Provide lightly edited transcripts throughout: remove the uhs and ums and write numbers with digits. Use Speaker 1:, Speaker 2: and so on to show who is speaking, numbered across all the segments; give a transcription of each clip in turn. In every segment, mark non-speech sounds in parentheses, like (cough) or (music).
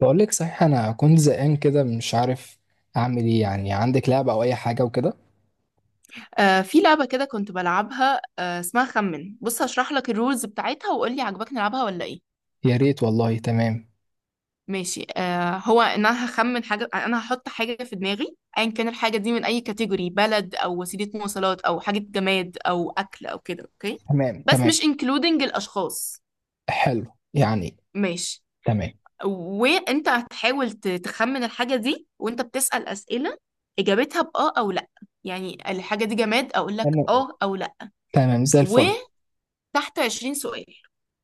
Speaker 1: بقول لك صحيح، انا كنت زهقان كده مش عارف اعمل ايه. يعني عندك لعبة او اي حاجة وكده؟
Speaker 2: آه في لعبة كده كنت بلعبها. آه اسمها خمن. بص هشرح لك الرولز بتاعتها وقول لي عجبك نلعبها ولا ايه.
Speaker 1: يا ريت والله. تمام
Speaker 2: ماشي. آه هو ان هخمن حاجة، انا هحط حاجة في دماغي ايا كان الحاجة دي، من اي كاتيجوري، بلد او وسيلة مواصلات او حاجة جماد او اكل او كده، اوكي؟
Speaker 1: تمام
Speaker 2: بس
Speaker 1: تمام.
Speaker 2: مش انكلودنج الاشخاص.
Speaker 1: حلو. يعني
Speaker 2: ماشي.
Speaker 1: تمام
Speaker 2: وانت هتحاول تخمن الحاجة دي وانت بتسأل أسئلة اجابتها باه او لا. يعني الحاجة دي جماد، اقول لك
Speaker 1: تمام
Speaker 2: اه او لا.
Speaker 1: تمام زي الفل.
Speaker 2: تحت 20 سؤال،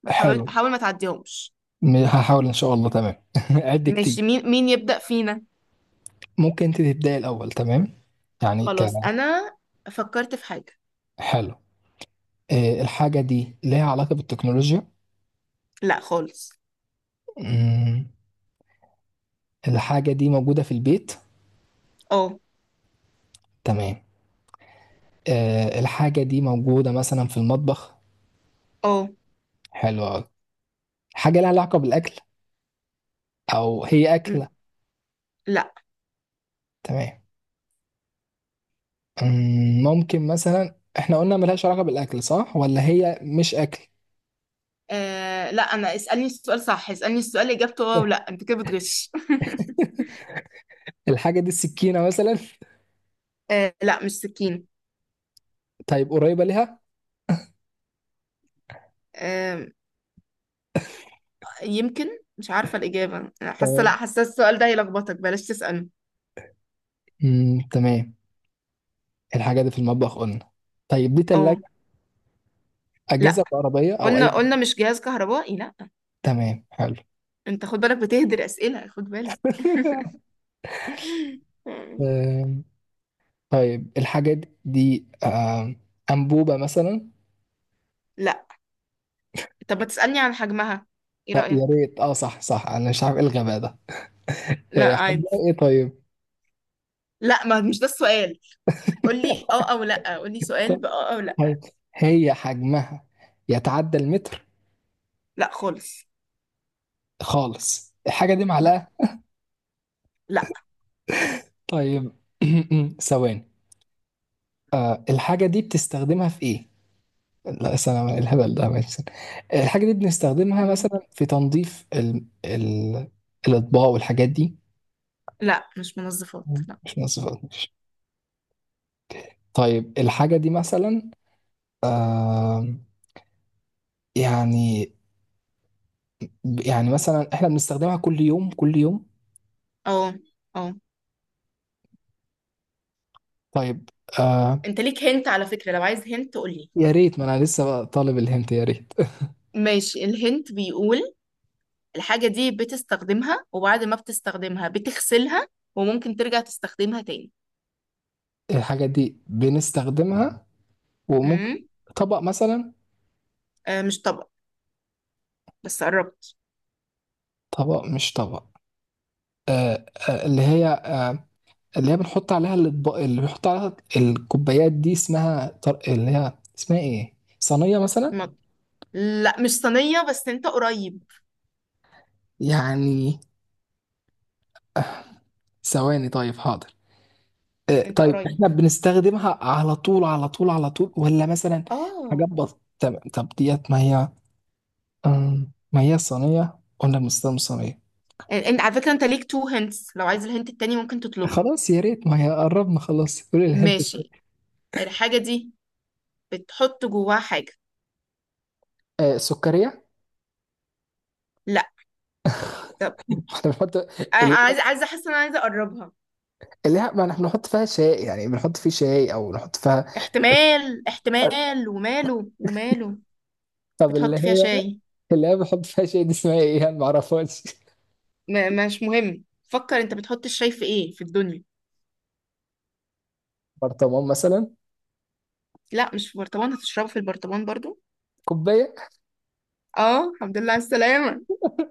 Speaker 2: ما تحاول
Speaker 1: حلو.
Speaker 2: حاول ما تعديهمش.
Speaker 1: هحاول ان شاء الله. تمام. (laughs) قد كتير.
Speaker 2: مش مين مين يبدأ فينا؟
Speaker 1: ممكن انت تبداي الاول. تمام. يعني ك
Speaker 2: خلاص انا فكرت في حاجة.
Speaker 1: حلو. إيه، الحاجة دي ليها علاقة بالتكنولوجيا؟
Speaker 2: لا خالص.
Speaker 1: مم، الحاجة دي موجودة في البيت؟
Speaker 2: اه.
Speaker 1: تمام. إيه، الحاجة دي موجودة مثلا في المطبخ؟
Speaker 2: اه.
Speaker 1: حلو أوي. حاجة لها علاقة بالأكل، او هي
Speaker 2: م،
Speaker 1: اكله؟
Speaker 2: لا.
Speaker 1: تمام. ممكن مثلا احنا قلنا ملهاش علاقه بالاكل، صح؟ ولا هي مش اكل؟
Speaker 2: آه لا، اسألني السؤال صح، اسألني السؤال اجابته اه ولا،
Speaker 1: (laughs)
Speaker 2: انت كده بتغش.
Speaker 1: الحاجه دي السكينه مثلا؟
Speaker 2: (laughs) آه لا مش سكين.
Speaker 1: طيب قريبه ليها.
Speaker 2: آه، يمكن. مش عارفة الإجابة، حاسة لا،
Speaker 1: تمام.
Speaker 2: حاسة السؤال ده هيلخبطك، بلاش تسأله.
Speaker 1: تمام. الحاجه دي في المطبخ قلنا. طيب، دي
Speaker 2: اه.
Speaker 1: تلاجة؟ أجهزة
Speaker 2: لا،
Speaker 1: كهربائية أو أي؟
Speaker 2: قلنا مش جهاز كهربائي لا.
Speaker 1: تمام. حلو.
Speaker 2: انت خد بالك بتهدر أسئلة، خد بالك.
Speaker 1: (laughs)
Speaker 2: (laughs)
Speaker 1: أم، طيب الحاجة دي، أنبوبة مثلا؟
Speaker 2: لا. طب ما تسألني عن حجمها، ايه
Speaker 1: طب يا
Speaker 2: رأيك؟
Speaker 1: ريت. اه، صح صح، أنا مش عارف إيه الغباء ده.
Speaker 2: لا
Speaker 1: حجمها
Speaker 2: عادي.
Speaker 1: إيه طيب؟
Speaker 2: لا، ما مش ده السؤال، قولي اه او لا، قولي
Speaker 1: (laughs)
Speaker 2: سؤال باه او لا.
Speaker 1: طيب، هي حجمها يتعدى المتر؟
Speaker 2: لا خالص.
Speaker 1: خالص. الحاجة دي
Speaker 2: لا.
Speaker 1: معلقة؟
Speaker 2: لا.
Speaker 1: طيب. (clears throat) ثواني. آه، الحاجة دي بتستخدمها في ايه؟ لا سلام، الهبل ده ماشي، استنى. الحاجة دي بنستخدمها
Speaker 2: مم.
Speaker 1: مثلا في تنظيف ال... ال... الأطباق والحاجات دي؟
Speaker 2: لا مش منظفات لا.
Speaker 1: مش نظيف، ماشي. طيب الحاجة دي مثلا، آه، يعني، يعني مثلا احنا بنستخدمها كل يوم كل يوم؟
Speaker 2: اه. اه.
Speaker 1: طيب. آه،
Speaker 2: انت ليك هنت على فكرة، لو عايز هنت قولي.
Speaker 1: يا ريت، ما انا لسه بقى طالب الهنت، يا ريت.
Speaker 2: ماشي، الهنت بيقول: الحاجة دي بتستخدمها، وبعد ما بتستخدمها بتغسلها وممكن ترجع تستخدمها تاني.
Speaker 1: الحاجة دي بنستخدمها وممكن،
Speaker 2: امم
Speaker 1: طبق مثلا؟
Speaker 2: آه مش طبق، بس قربت.
Speaker 1: طبق مش طبق. آه آه اللي هي، آه، اللي هي بنحط عليها الاطباق، اللي بنحط عليها الكوبايات دي اسمها طر... اللي هي اسمها ايه؟ صينية مثلا؟
Speaker 2: مج- لا مش صينية، بس انت قريب.
Speaker 1: يعني ثواني، طيب حاضر. آه،
Speaker 2: انت
Speaker 1: طيب
Speaker 2: قريب.
Speaker 1: احنا بنستخدمها على طول على طول على طول ولا مثلا
Speaker 2: اه.
Speaker 1: حاجات بسيطة؟ طب طب ديت، ما هي، ما هي صينية قلنا، بنستخدم صينية.
Speaker 2: انت على فكرة انت ليك تو هنتس، لو عايز الهنت التاني ممكن تطلبه.
Speaker 1: خلاص، يا ريت، ما هي قربنا خلاص، قولي الهنت.
Speaker 2: ماشي. الحاجة دي بتحط جواها حاجة.
Speaker 1: آه، سكرية؟
Speaker 2: لا. طب
Speaker 1: احنا بنحط،
Speaker 2: أنا
Speaker 1: اللي،
Speaker 2: عايزة احس ان عايزة اقربها.
Speaker 1: اللي هي، ما احنا بنحط فيها شاي. يعني بنحط فيه شاي او نحط فيها.
Speaker 2: احتمال
Speaker 1: (laughs)
Speaker 2: احتمال، وماله وماله.
Speaker 1: طب اللي
Speaker 2: بتحط فيها
Speaker 1: هي،
Speaker 2: شاي.
Speaker 1: اللي هي بنحط فيها شاي دي، اسمها ايه؟ انا ما اعرفهاش.
Speaker 2: مش مهم، فكر انت بتحط الشاي في ايه في الدنيا.
Speaker 1: برطمان مثلا؟
Speaker 2: لا مش في برطمان، هتشربه في البرطمان برضو؟
Speaker 1: كوبايه.
Speaker 2: اه، الحمد لله على السلامة،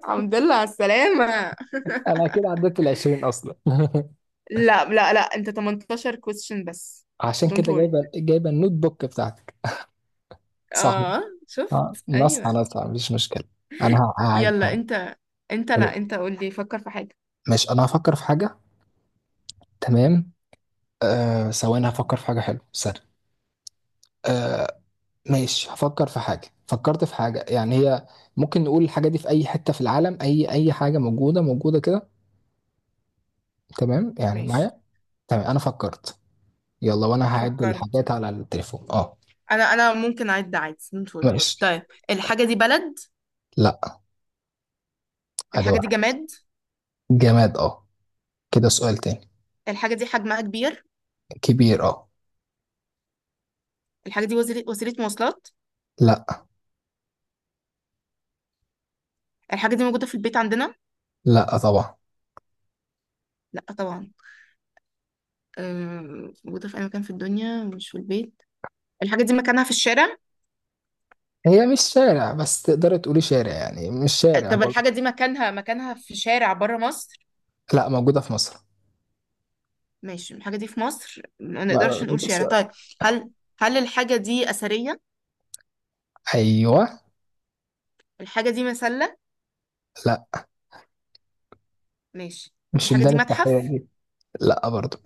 Speaker 2: الحمد لله على السلامة.
Speaker 1: انا كده عديت ال 20 اصلا. (laughs)
Speaker 2: (laughs) لا، انت 18 question بس.
Speaker 1: عشان
Speaker 2: don't
Speaker 1: كده
Speaker 2: worry.
Speaker 1: جايبه جايبه النوت بوك بتاعتك، صح؟
Speaker 2: اه.
Speaker 1: اه،
Speaker 2: شفت،
Speaker 1: نصحى
Speaker 2: ايوه.
Speaker 1: نصحى، مفيش مشكله. هقعد.
Speaker 2: يلا انت، انت لا انت قول لي، فكر في حاجة.
Speaker 1: ماشي، انا هفكر في حاجه. تمام. آه ثواني، هفكر في حاجه حلوه، سهل. آه ماشي، هفكر في حاجة. فكرت في حاجة. يعني هي ممكن نقول الحاجة دي في أي حتة في العالم، أي أي حاجة موجودة موجودة كده. تمام يعني
Speaker 2: ماشي.
Speaker 1: معايا. تمام، أنا فكرت. يلا، وأنا هعد
Speaker 2: فكرت.
Speaker 1: الحاجات على التليفون، أه.
Speaker 2: انا ممكن اعد عادي، سوري.
Speaker 1: ماشي.
Speaker 2: طيب. الحاجة دي بلد؟
Speaker 1: لا. أدي
Speaker 2: الحاجة دي
Speaker 1: واحد.
Speaker 2: جماد؟
Speaker 1: جماد، أه. كده سؤال تاني.
Speaker 2: الحاجة دي حجمها كبير؟
Speaker 1: كبير، أه.
Speaker 2: الحاجة دي وسيلة مواصلات؟
Speaker 1: لا.
Speaker 2: الحاجة دي موجودة في البيت عندنا؟
Speaker 1: لا طبعا.
Speaker 2: لا طبعا. موجودة في اي مكان في الدنيا مش في البيت. الحاجة دي مكانها في الشارع؟
Speaker 1: هي مش شارع، بس تقدر تقولي شارع، يعني مش شارع
Speaker 2: طب
Speaker 1: برضه.
Speaker 2: الحاجة دي مكانها في شارع بره مصر؟
Speaker 1: لا، موجودة في مصر.
Speaker 2: ماشي، الحاجة دي في مصر، ما نقدرش
Speaker 1: ما-
Speaker 2: نقول
Speaker 1: بس-
Speaker 2: شارع، طيب. هل هل الحاجة دي أثرية؟
Speaker 1: أيوه.
Speaker 2: الحاجة دي مسلة؟
Speaker 1: لا،
Speaker 2: ماشي.
Speaker 1: مش
Speaker 2: الحاجة
Speaker 1: ميدان
Speaker 2: دي متحف؟
Speaker 1: التحرير. لا برضو.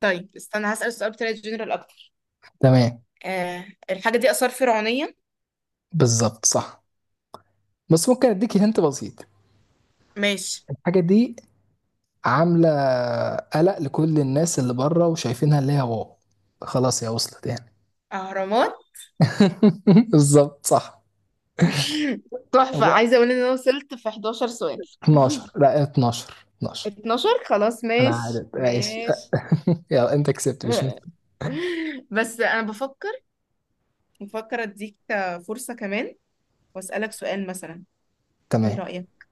Speaker 2: طيب استنى، هسأل السؤال بطريقة جنرال أكتر.
Speaker 1: تمام.
Speaker 2: آه. الحاجة دي آثار فرعونية؟
Speaker 1: بالظبط، صح. بس ممكن اديك هنت بسيط.
Speaker 2: ماشي.
Speaker 1: الحاجه دي عامله قلق لكل الناس اللي بره وشايفينها، اللي هي واو. خلاص، هي وصلت يعني.
Speaker 2: أهرامات؟
Speaker 1: (laughs) بالظبط، صح.
Speaker 2: (laughs) تحفة.
Speaker 1: هو
Speaker 2: عايزة أقول إن أنا وصلت في 11 سؤال.
Speaker 1: 12.
Speaker 2: (laughs)
Speaker 1: لا، 12، 12.
Speaker 2: 12، خلاص
Speaker 1: انا
Speaker 2: ماشي
Speaker 1: عارف، ماشي.
Speaker 2: ماشي.
Speaker 1: (laughs) يلا انت كسبت، مش مشكلة.
Speaker 2: (laughs) بس أنا بفكر أديك فرصة كمان، وأسألك سؤال مثلا، إيه
Speaker 1: تمام.
Speaker 2: رأيك؟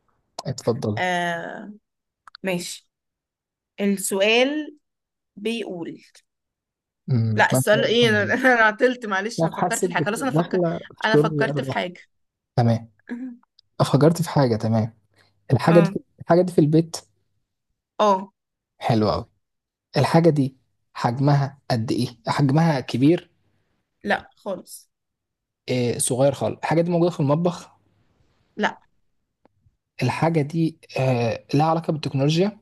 Speaker 1: اتفضل.
Speaker 2: آه. ماشي. السؤال بيقول: لا،
Speaker 1: ما
Speaker 2: السؤال ايه، انا (laughs) انا عطلت، معلش،
Speaker 1: لا.
Speaker 2: انا فكرت
Speaker 1: حاسك
Speaker 2: في حاجه خلاص انا فكر.
Speaker 1: داخله في
Speaker 2: انا
Speaker 1: شرب
Speaker 2: فكرت في
Speaker 1: الريحه.
Speaker 2: حاجه.
Speaker 1: تمام.
Speaker 2: (laughs)
Speaker 1: افكرت في حاجه. تمام. الحاجه دي،
Speaker 2: اه.
Speaker 1: الحاجه دي في البيت.
Speaker 2: اه.
Speaker 1: حلوه قوي. الحاجه دي حجمها قد ايه؟ حجمها كبير؟
Speaker 2: لا خالص.
Speaker 1: صغير خالص. الحاجه دي موجوده في المطبخ؟
Speaker 2: لا.
Speaker 1: الحاجه دي لها علاقه بالتكنولوجيا؟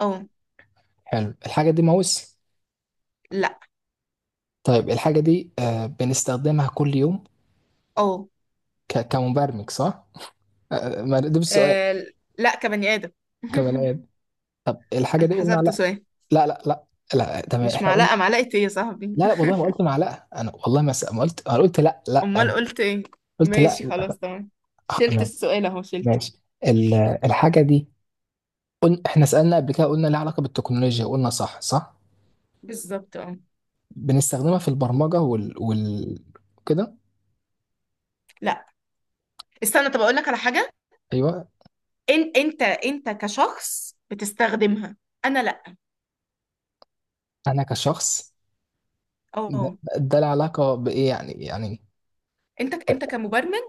Speaker 2: اه.
Speaker 1: حلو. الحاجه دي ماوس؟
Speaker 2: لا.
Speaker 1: طيب الحاجه دي بنستخدمها كل يوم؟
Speaker 2: اه.
Speaker 1: كمبرمج، صح؟ آه، ما ده بالسؤال.
Speaker 2: آه، لا، كبني ادم.
Speaker 1: كمان
Speaker 2: (laughs)
Speaker 1: إيه؟ طب الحاجه
Speaker 2: انا
Speaker 1: دي قلنا
Speaker 2: حسبت
Speaker 1: لا،
Speaker 2: سؤال.
Speaker 1: لا لا لا. لا تمام،
Speaker 2: مش
Speaker 1: احنا قلنا
Speaker 2: معلقه، معلقه ايه يا صاحبي؟
Speaker 1: لا لا. والله ما قلت معلقه انا، والله ما قلت، انا قلت لا
Speaker 2: (laughs)
Speaker 1: لا.
Speaker 2: امال
Speaker 1: أنا
Speaker 2: قلت ايه؟
Speaker 1: قلت لا
Speaker 2: ماشي
Speaker 1: لا.
Speaker 2: خلاص تمام، شلت
Speaker 1: تمام.
Speaker 2: السؤال، اهو شلته.
Speaker 1: ماشي. ال- الحاجه دي قلنا، احنا سالنا قبل كده، قلنا لها علاقه بالتكنولوجيا، قلنا صح صح.
Speaker 2: بالظبط اه.
Speaker 1: بنستخدمها في البرمجة وال وال كده.
Speaker 2: لا استنى، طب اقول لك على حاجه.
Speaker 1: ايوه.
Speaker 2: ان انت كشخص بتستخدمها، انا لا.
Speaker 1: انا كشخص، ده،
Speaker 2: اه.
Speaker 1: ده له علاقة بايه يعني؟ يعني
Speaker 2: انت كمبرمج،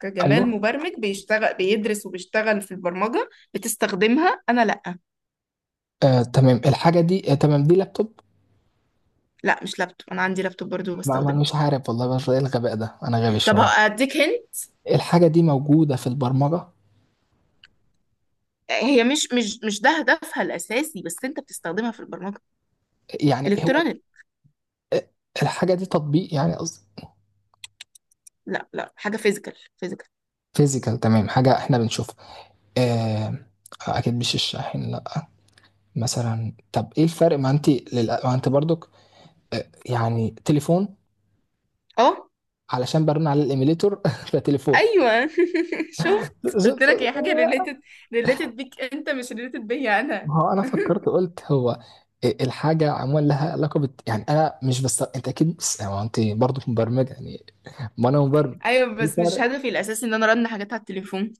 Speaker 2: كجمال
Speaker 1: ايوه.
Speaker 2: مبرمج بيشتغل بيدرس وبيشتغل في البرمجة بتستخدمها، أنا لأ.
Speaker 1: آه تمام، الحاجة دي، آه تمام، دي لابتوب؟
Speaker 2: لأ مش لابتوب، أنا عندي لابتوب برضو
Speaker 1: ما ما انا
Speaker 2: بستخدمه.
Speaker 1: مش عارف والله، بس ايه الغباء ده، انا غبي
Speaker 2: طب
Speaker 1: شوية.
Speaker 2: هديك هنت.
Speaker 1: الحاجة دي موجودة في البرمجة؟
Speaker 2: هي مش مش ده هدفها الأساسي، بس أنت بتستخدمها في البرمجة.
Speaker 1: يعني هو،
Speaker 2: إلكترونيك.
Speaker 1: آه، الحاجة دي تطبيق يعني؟ قصدي
Speaker 2: لأ لأ، حاجة فيزيكال فيزيكال.
Speaker 1: فيزيكال، تمام. حاجة احنا بنشوفها، آه. اكيد مش الشاحن، لا. مثلا، طب ايه الفرق، ما انت للأ... ما انت برضك، يعني تليفون؟
Speaker 2: أه.
Speaker 1: علشان برن على الايميليتور. (laughs) فتليفون.
Speaker 2: أيوه. (laughs) شفت، قلت لك هي حاجة ريليتد، ريليتد بيك أنت، مش ريليتد بيا أنا.
Speaker 1: ما هو انا
Speaker 2: (laughs)
Speaker 1: فكرت قلت هو إيه الحاجه عموما لها علاقه بت... يعني انا مش، بس انت اكيد، بس يعني هو انت برضه مبرمج يعني، ما انا مبرمج.
Speaker 2: أيوه،
Speaker 1: إيه
Speaker 2: بس مش
Speaker 1: الفرق.
Speaker 2: هدفي الأساسي إن أنا أرن حاجات على التليفون.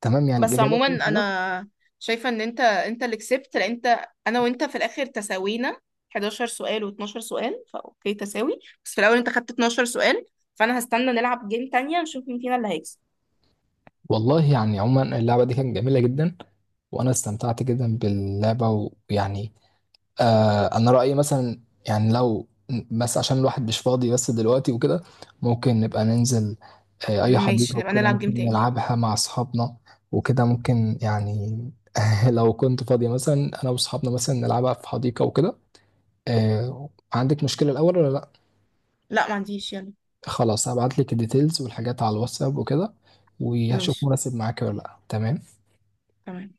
Speaker 1: تمام، يعني
Speaker 2: بس
Speaker 1: الاجابه
Speaker 2: عموما
Speaker 1: كده خلاص.
Speaker 2: انا شايفه ان انت اللي كسبت، لان انت، انا وانت في الاخر تساوينا، 11 سؤال و12 سؤال، فاوكي تساوي، بس في الاول انت خدت 12 سؤال، فانا هستنى نلعب جيم تانية نشوف مين فينا اللي هيكسب.
Speaker 1: والله يعني عموما اللعبه دي كانت جميله جدا، وانا استمتعت جدا باللعبه. ويعني، آه انا رايي مثلا، يعني لو، بس عشان الواحد مش فاضي بس دلوقتي وكده، ممكن نبقى ننزل آه اي
Speaker 2: ماشي،
Speaker 1: حديقه
Speaker 2: نبقى
Speaker 1: وكده،
Speaker 2: نلعب
Speaker 1: ممكن
Speaker 2: جيم تاني.
Speaker 1: نلعبها مع اصحابنا وكده. ممكن يعني، (laughs) لو كنت فاضي مثلا، انا واصحابنا مثلا، نلعبها في حديقه وكده. آه، عندك مشكله الاول ولا لا؟
Speaker 2: لا ما عنديش، يلا.
Speaker 1: خلاص، هبعت لك الديتيلز والحاجات على الواتساب وكده، وهشوف
Speaker 2: ماشي.
Speaker 1: مناسب معاك ولا لا. تمام.
Speaker 2: تمام.